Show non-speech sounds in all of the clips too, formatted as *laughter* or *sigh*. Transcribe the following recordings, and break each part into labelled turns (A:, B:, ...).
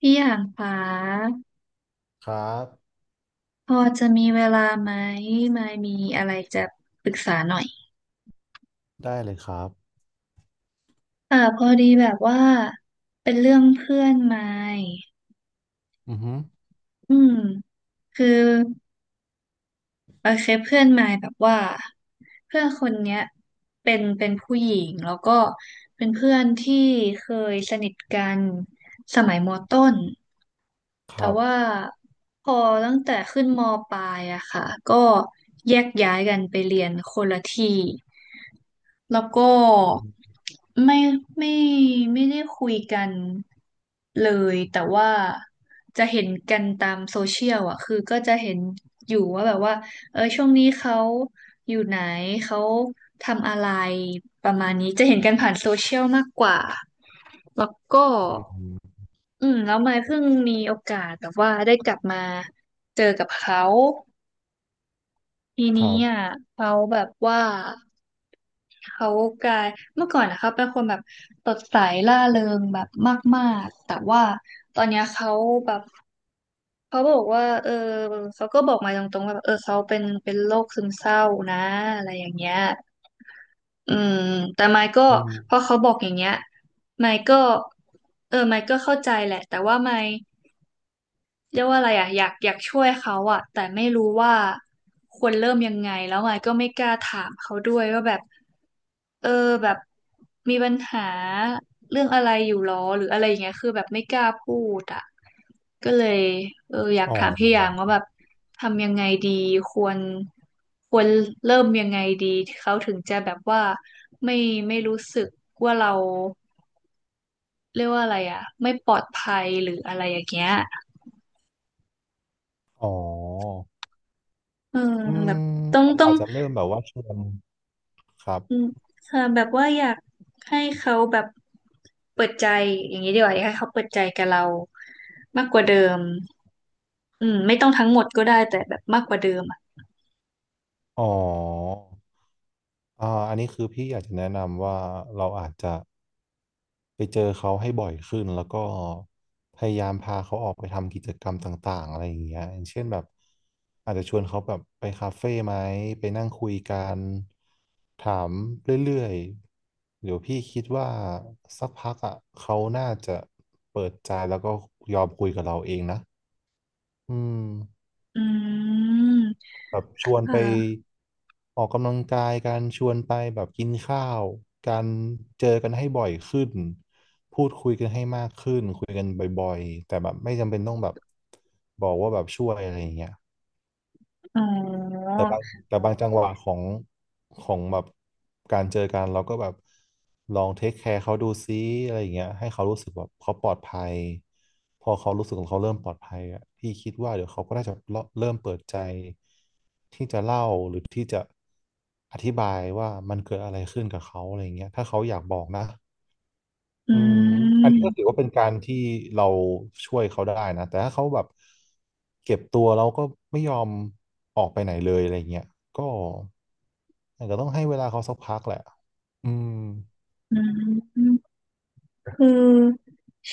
A: พี่อยางฟ้า
B: ครับ
A: พอจะมีเวลาไหมไม่มีอะไรจะปรึกษาหน่อย
B: ได้เลยครับ
A: เอ่าพอดีแบบว่าเป็นเรื่องเพื่อนไม่
B: อือฮึ
A: อืมคือโอเคเพื่อนไม้แบบว่าเพื่อนคนเนี้ยเป็นผู้หญิงแล้วก็เป็นเพื่อนที่เคยสนิทกันสมัยมต้น
B: ค
A: แต่
B: รับ
A: ว่าพอตั้งแต่ขึ้นมปลายอะค่ะก็แยกย้ายกันไปเรียนคนละที่ แล้วก็
B: อื
A: ไม่ไม่ไม่ได้คุยกันเลยแต่ว่าจะเห็นกันตามโซเชียลอ่ะคือก็จะเห็นอยู่ว่าแบบว่าเออช่วงนี้เขาอยู่ไหนเขาทำอะไรประมาณนี้จะเห็นกันผ่านโซเชียลมากกว่าแล้วก็
B: ม
A: แล้วมายเพิ่งมีโอกาสแบบว่าได้กลับมาเจอกับเขา ที
B: ค
A: นี้
B: รั
A: อ่ะ
B: บ
A: เขาแบบว่าเขากลายเมื่อก่อนนะเขาเป็นคนแบบสดใสร่าเริงแบบมากๆแต่ว่าตอนเนี้ยเขาแบบเขาบอกว่าเออเขาก็บอกมาตรงๆว่าแบบเออเขาเป็นโรคซึมเศร้านะอะไรอย่างเงี้ยอืมแต่ไมค์ก็
B: อืม
A: พอเขาบอกอย่างเงี้ยไมค์ก็เออไมค์ก็เข้าใจแหละแต่ว่าไมค์ เรียกว่าอะไรอ่ะอยากช่วยเขาอ่ะแต่ไม่รู้ว่าควรเริ่มยังไงแล้วไยก็ไม่กล้าถามเขาด้วยว่าแบบเออแบบมีปัญหาเรื่องอะไรอยู่หรอหรืออะไรอย่างเงี้ยคือแบบไม่กล้าพูดอ่ะก็เลยเอออยาก
B: อ๋อ
A: ถามพี่หยางว่าแบบทำยังไงดีควรควรเริ่มยังไงดีเขาถึงจะแบบว่าไม่ไม่รู้สึกว่าเราเรียกว่าอะไรอ่ะไม่ปลอดภัยหรืออะไรอย่างเงี้ย
B: อ๋อ
A: อืม
B: อื
A: แบ
B: ม
A: บต้อง
B: อาจ
A: ต้อง
B: อาจจะเริ่มแบบว่าชวนครับ
A: อืมค่ะแบบว่าอยากให้เขาแบบเปิดใจอย่างนี้ดีกว่าอยากให้เขาเปิดใจกับเรามากกว่าเดิมไม่ต้องทั้งหมดก็ได้แต่แบบมากกว่าเดิมอ่ะ
B: อ๋ออ่าอันนี้คือพี่อยากจะแนะนำว่าเราอาจจะไปเจอเขาให้บ่อยขึ้นแล้วก็พยายามพาเขาออกไปทำกิจกรรมต่างๆอะไรอย่างเงี้ยอย่างเช่นแบบอาจจะชวนเขาแบบไปคาเฟ่ไหมไปนั่งคุยกันถามเรื่อยๆเดี๋ยวพี่คิดว่าสักพักอ่ะเขาน่าจะเปิดใจแล้วก็ยอมคุยกับเราเองนะอืม
A: อืม
B: แบบชวนไป
A: ค่ะ
B: ออกกำลังกายการชวนไปแบบกินข้าวการเจอกันให้บ่อยขึ้นพูดคุยกันให้มากขึ้นคุยกันบ่อยๆแต่แบบไม่จำเป็นต้องแบบบอกว่าแบบช่วยอะไรอย่างเงี้ย
A: อ๋อ
B: แต่บางแต่บางจังหวะของแบบการเจอกันเราก็แบบลองเทคแคร์เขาดูซิอะไรอย่างเงี้ยให้เขารู้สึกแบบเขาปลอดภัยพอเขารู้สึกของเขาเริ่มปลอดภัยอ่ะพี่คิดว่าเดี๋ยวเขาก็น่าจะเริ่มเปิดใจที่จะเล่าหรือที่จะอธิบายว่ามันเกิดอะไรขึ้นกับเขาอะไรอย่างเงี้ยถ้าเขาอยากบอกนะ
A: อื
B: อืมอันนี้ก็ถือ
A: ม
B: ว่าเป็นการที่เราช่วยเขาได้นะ แต่ถ้าเขาแบบเก็บตัวเราก็ไม่ยอมออกไปไหนเลยอะไรเงี้ยก็อาจจะต้องให้เวลาเขาสักพักแหละอืม
A: อืมคือ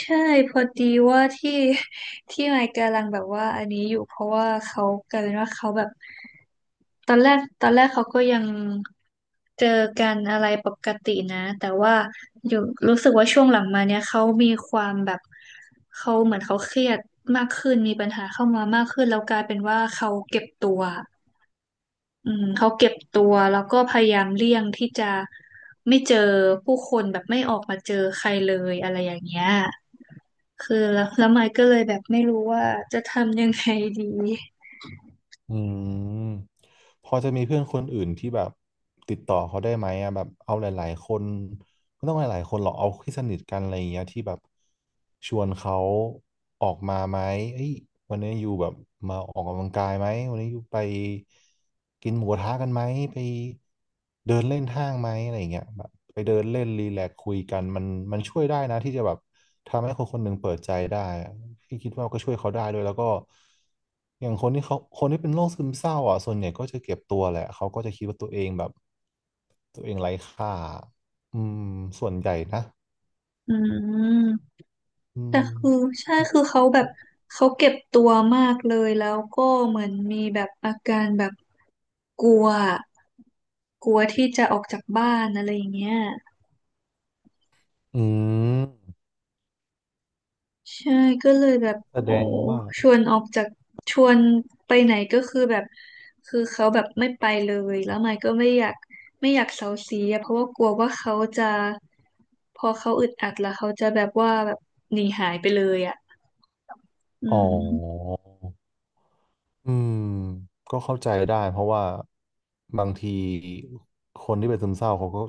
A: ใช่พอดีว่าที่ *laughs* ที่ไมค์กำลังแบบว่าอันนี้อยู่เพราะว่าเขากลายเป็นว่าเขาแบบ ตอนแรกเขาก็ยังเจอกันอะไรปกตินะแต่ว่าอยู่รู้สึกว่าช่วงหลังมาเนี่ยเขามีความแบบเขาเหมือนเขาเครียดมากขึ้นมีปัญหาเข้ามามากขึ้นแล้วกลายเป็นว่าเขาเก็บตัวเขาเก็บตัวแล้วก็พยายามเลี่ยงที่จะไม่เจอผู้คนแบบไม่ออกมาเจอใครเลยอะไรอย่างเงี้ยคือแล้วไมค์ก็เลยแบบไม่รู้ว่าจะทำยังไงดี
B: อืมพอจะมีเพื่อนคนอื่นที่แบบติดต่อเขาได้ไหมอะแบบเอาหลายๆคนไม่ต้องหลายๆคนหรอกเอาที่สนิทกันอะไรอย่างเงี้ยที่แบบชวนเขาออกมาไหมเอ้ยวันนี้อยู่แบบมาออกกำลังกายไหมวันนี้อยู่ไปกินหมูกระทะกันไหมไปเดินเล่นห้างไหมอะไรอย่างเงี้ยแบบไปเดินเล่นรีแลกซ์คุยกันมันมันช่วยได้นะที่จะแบบ ทำให้คนหนึ่งเปิดใจได้อะพี่คิดว่าก็ช่วยเขาได้ด้วยแล้วก็อย่างคนที่เป็นโรคซึมเศร้าอ่ะส่วนใหญ่ก็จะเก็บตัวแหละเขาก็จะคิดว่าตัวเองแบบตัวเองไร้ค่าอืมส่วนใหญ่นะ
A: อืม
B: อื
A: แต่
B: ม
A: คือใช่
B: เนอะ
A: คือเขาแบบ
B: เขา
A: เขาเก็บตัวมากเลยแล้วก็เหมือนมีแบบอาการแบบกลัวกลัวที่จะออกจากบ้านอะไรอย่างเงี้ย
B: อืม
A: ใช่ก็เลยแบบ
B: แส
A: โอ้
B: ดงว่า
A: ชวนออกจากชวนไปไหนก็คือแบบคือเขาแบบไม่ไปเลยแล้วไม่ก็ไม่อยากเซาซีอะเพราะว่ากลัวว่าเขาจะพอเขาอึดอัดแล้วเขาจะแบบว่าแบบหนีหายไปเลยอะอื
B: อ๋อ
A: ม
B: อืมก็เข้าใจได้เพราะว่าบางทีคนที่เป็นซึมเศร้าเขาก็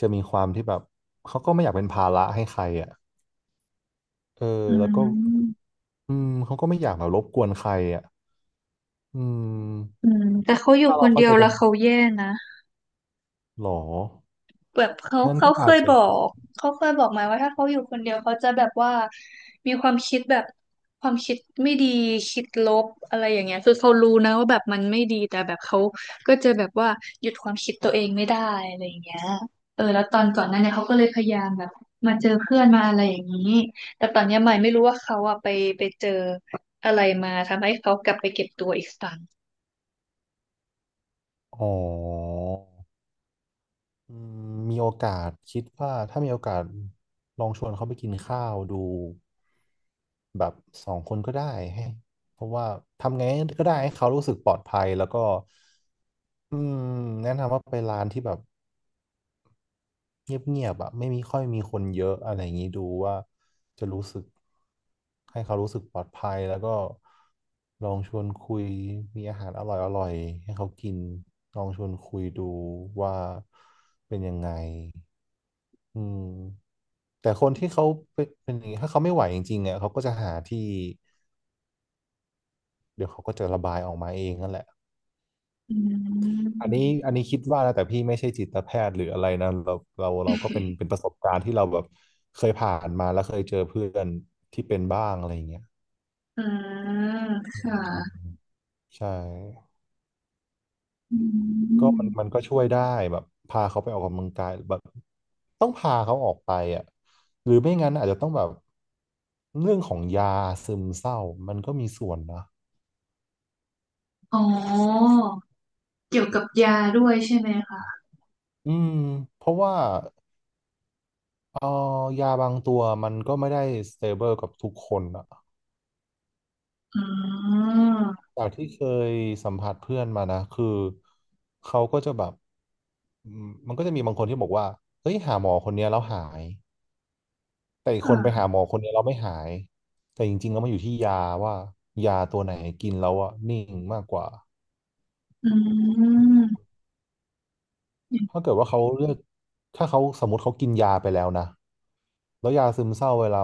B: จะมีความที่แบบเขาก็ไม่อยากเป็นภาระให้ใครอ่ะเออ
A: อื
B: แล้วก็
A: ม
B: อืมเขาก็ไม่อยากแบบรบกวนใครอ่ะอื
A: อื
B: ม
A: มแต่เขาอยู่
B: ถ้า
A: ค
B: เรา
A: นเดี
B: เข้า
A: ย
B: ใจ
A: ว
B: กั
A: แล้ว
B: น
A: เขาแย่นะ
B: หรอ
A: แบบเขา
B: งั้น
A: เขา
B: ก็
A: เค
B: อาจ
A: ย
B: จะ
A: บอกเขาเคยบอกมาว่าถ้าเขาอยู่คนเดียวเขาจะแบบว่ามีความคิดแบบความคิดไม่ดีคิดลบอะไรอย่างเงี้ยคือเขารู้นะว่าแบบมันไม่ดีแต่แบบเขาก็จะแบบว่าหยุดความคิดตัวเองไม่ได้อะไรอย่างเงี้ยเออแล้วตอนก่อนหน้าเนี่ยเขาก็เลยพยายามแบบมาเจอเพื่อนมาอะไรอย่างนี้แต่ตอนเนี้ยใหม่ไม่รู้ว่าเขาอะไปเจออะไรมาทำให้เขากลับไปเก็บตัวอีกครั้ง
B: อ๋ออืมมีโอกาสคิดว่าถ้ามีโอกาสลองชวนเขาไปกินข้าวดูแบบสองคนก็ได้ให้เพราะว่าทำไงก็ได้ให้เขารู้สึกปลอดภัยแล้วก็อืมแนะนำว่าไปร้านที่แบบ เงียบๆอ่ะไม่มีค่อยมีคนเยอะอะไรอย่างนี้ดูว่าจะรู้สึกให้เขารู้สึกปลอดภัยแล้วก็ลองชวนคุยมีอาหารอร่อยๆให้เขากินลองชวนคุยดูว่าเป็นยังไงอืมแต่คนที่เขาเป็นอย่างนี้ถ้าเขาไม่ไหวจริงๆอ่ะเขาก็จะหาที่เดี๋ยวเขาก็จะระบายออกมาเองนั่นแหละ
A: อื
B: อันนี้
A: ม
B: อันนี้คิดว่านะแต่พี่ไม่ใช่จิตแพทย์หรืออะไรนะเราเราก็เป็นประสบการณ์ที่เราแบบเคยผ่านมาแล้วเคยเจอเพื่อนที่เป็นบ้างอะไรอย่างเงี้ย
A: อ่าค่ะ
B: อืมใช่
A: อื
B: ก็มันมัน
A: ม
B: ก็ช่วยได้แบบพาเขาไปออกกำลังกายแบบต้องพาเขาออกไปอ่ะหรือไม่งั้นอาจจะต้องแบบเรื่องของยาซึมเศร้ามันก็มีส่วนนะ
A: อ๋อเกี่ยวกับยาด้วยใช่ไหมคะ
B: อืมเพราะว่าเออยาบางตัวมันก็ไม่ได้สเตเบิลกับทุกคนอะ
A: อืม
B: จากที่เคยสัมผัสเพื่อนมานะคือเขาก็จะแบบอืมมันก็จะมีบางคนที่บอกว่าเฮ้ยหาหมอคนเนี้ยแล้วหายแต่อีกคนไป
A: ค่ะ
B: หาหมอคนเนี้ยแล้วไม่หายแต่จริงๆแล้วมันอยู่ที่ยาว่ายาตัวไหนกินแล้วอะนิ่งมากกว่า
A: อืมอ
B: ถ้าเกิดว่าเขาเลือกถ้าเขาสมมติเขากินยาไปแล้วนะแล้วยาซึมเศร้าเวลา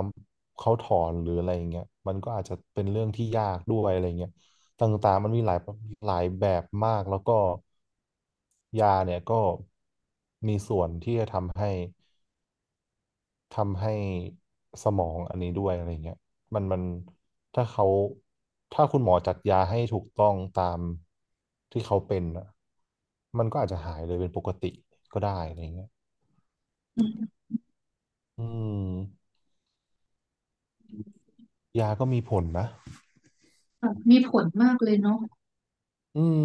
B: เขาถอนหรืออะไรอย่างเงี้ยมันก็อาจจะเป็นเรื่องที่ยากด้วยอะไรเงี้ยต่างๆมันมีหลายแบบมากแล้วก็ ยาเนี่ยก็มีส่วนที่จะทำให้ทำให้สมองอันนี้ด้วยอะไรเงี้ยมันมันถ้าเขาถ้าคุณหมอจัดยาให้ถูกต้องตามที่เขาเป็นอ่ะมันก็อาจจะหายเลยเป็นปกติก็ได้อะไรเงี้ย
A: ืม
B: อืมยาก็มีผลนะ
A: ค่ะมีผลมากเลยเนาะ
B: อืม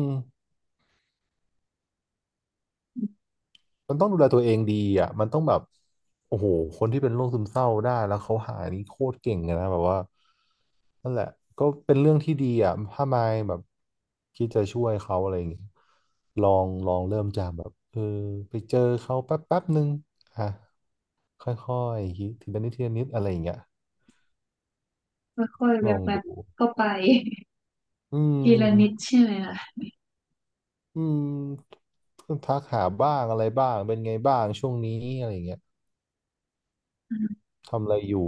B: มันต้องดูแลตัวเองดีอ่ะมันต้องแบบโอ้โหคนที่เป็นโรคซึมเศร้าได้แล้วเขาหายนี่โคตรเก่งเลยนะแบบว่านั่นแหละก็เป็นเรื่องที่ดีอ่ะถ้ามายแบบคิดจะช่วยเขาอะไรอย่างเงี้ยลองเริ่มจากแบบเออไปเจอเขาแป๊บแป๊บนึงอ่ะค่อยๆคิดทีละนิดทีละนิดอะไรอย่างเงี้ย
A: ค่อยๆแ
B: ลอง
A: วบ
B: ดู
A: ๆเข้าไป
B: อื
A: *laughs* ทีละนิด
B: ม
A: ใช่ไหมล่ะ
B: อืมทักหาบ้างอะไรบ้างเป็นไงบ้างช่วงนี้อะไรอย่างเงี้ย
A: อืม
B: ทำอะไรอยู่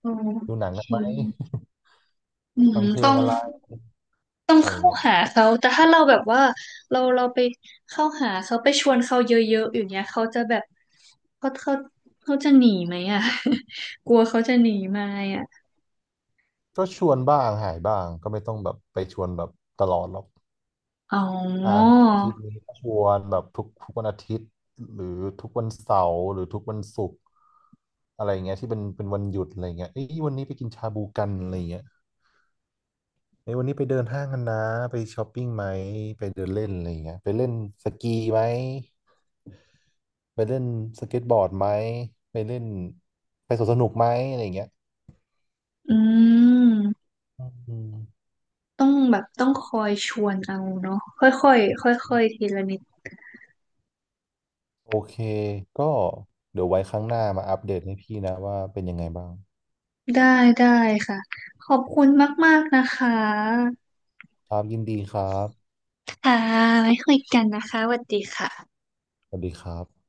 A: โอ
B: ดูหนังกัน
A: เค
B: ไหม
A: อื
B: ฟัง
A: ม
B: เพล
A: ต้อ
B: ง
A: ง
B: อะไร
A: ต้อง
B: อะไรอ
A: เข้า
B: ย่างเงี้ย
A: หาเขา แต่ถ้าเราแบบว่าเราไปเข้าหาเขาไปชวนเขาเยอะๆอย่างเงี้ยเขาจะแบบเขาเขาเขาจะหนีไหมอ่ะ *laughs* กลัวเขาจะหนีไหมอ่ะ
B: ก็ชวนบ้างหายบ้าง ก็ไม่ต้องแบบไปชวนแบบตลอดหรอก
A: อ๋อ
B: อ่าอาทิตย์นี้ก็ชวนแบบทุกวันอาทิตย์หรือทุกวันเสาร์หรือทุกวันศุกร์อะไรอย่างเงี้ยที่เป็นเป็นวันหยุดอะไรเงี้ยเอ้ยวันนี้ไปกินชาบูกันอะไรเงี้ยเอ้ยวันนี้ไปเดินห้างกันนะไปช้อปปิ้งไหมไปเดินเล่นอะไรเงี้ยไปเล่นสกีไหมไปเล่นสเก็ตบอร์ดไหมไปเล่นไปสวนสนุกไหมอะไรเงี้ย
A: อืม
B: อืม
A: ต้องแบบต้องคอยชวนเอาเนาะค่อยๆค่อยๆทีละนิด
B: โอเค ก็เดี๋ยวไว้ครั้งหน้ามาอัปเดตให้พี่นะว่าเป็นยังไงบ้าง
A: ได้ได้ค่ะขอบคุณมากๆนะคะ
B: ครับยินดีครับ
A: ค่ะไว้คุยกันนะคะสวัสดีค่ะ
B: สวัสดีครับ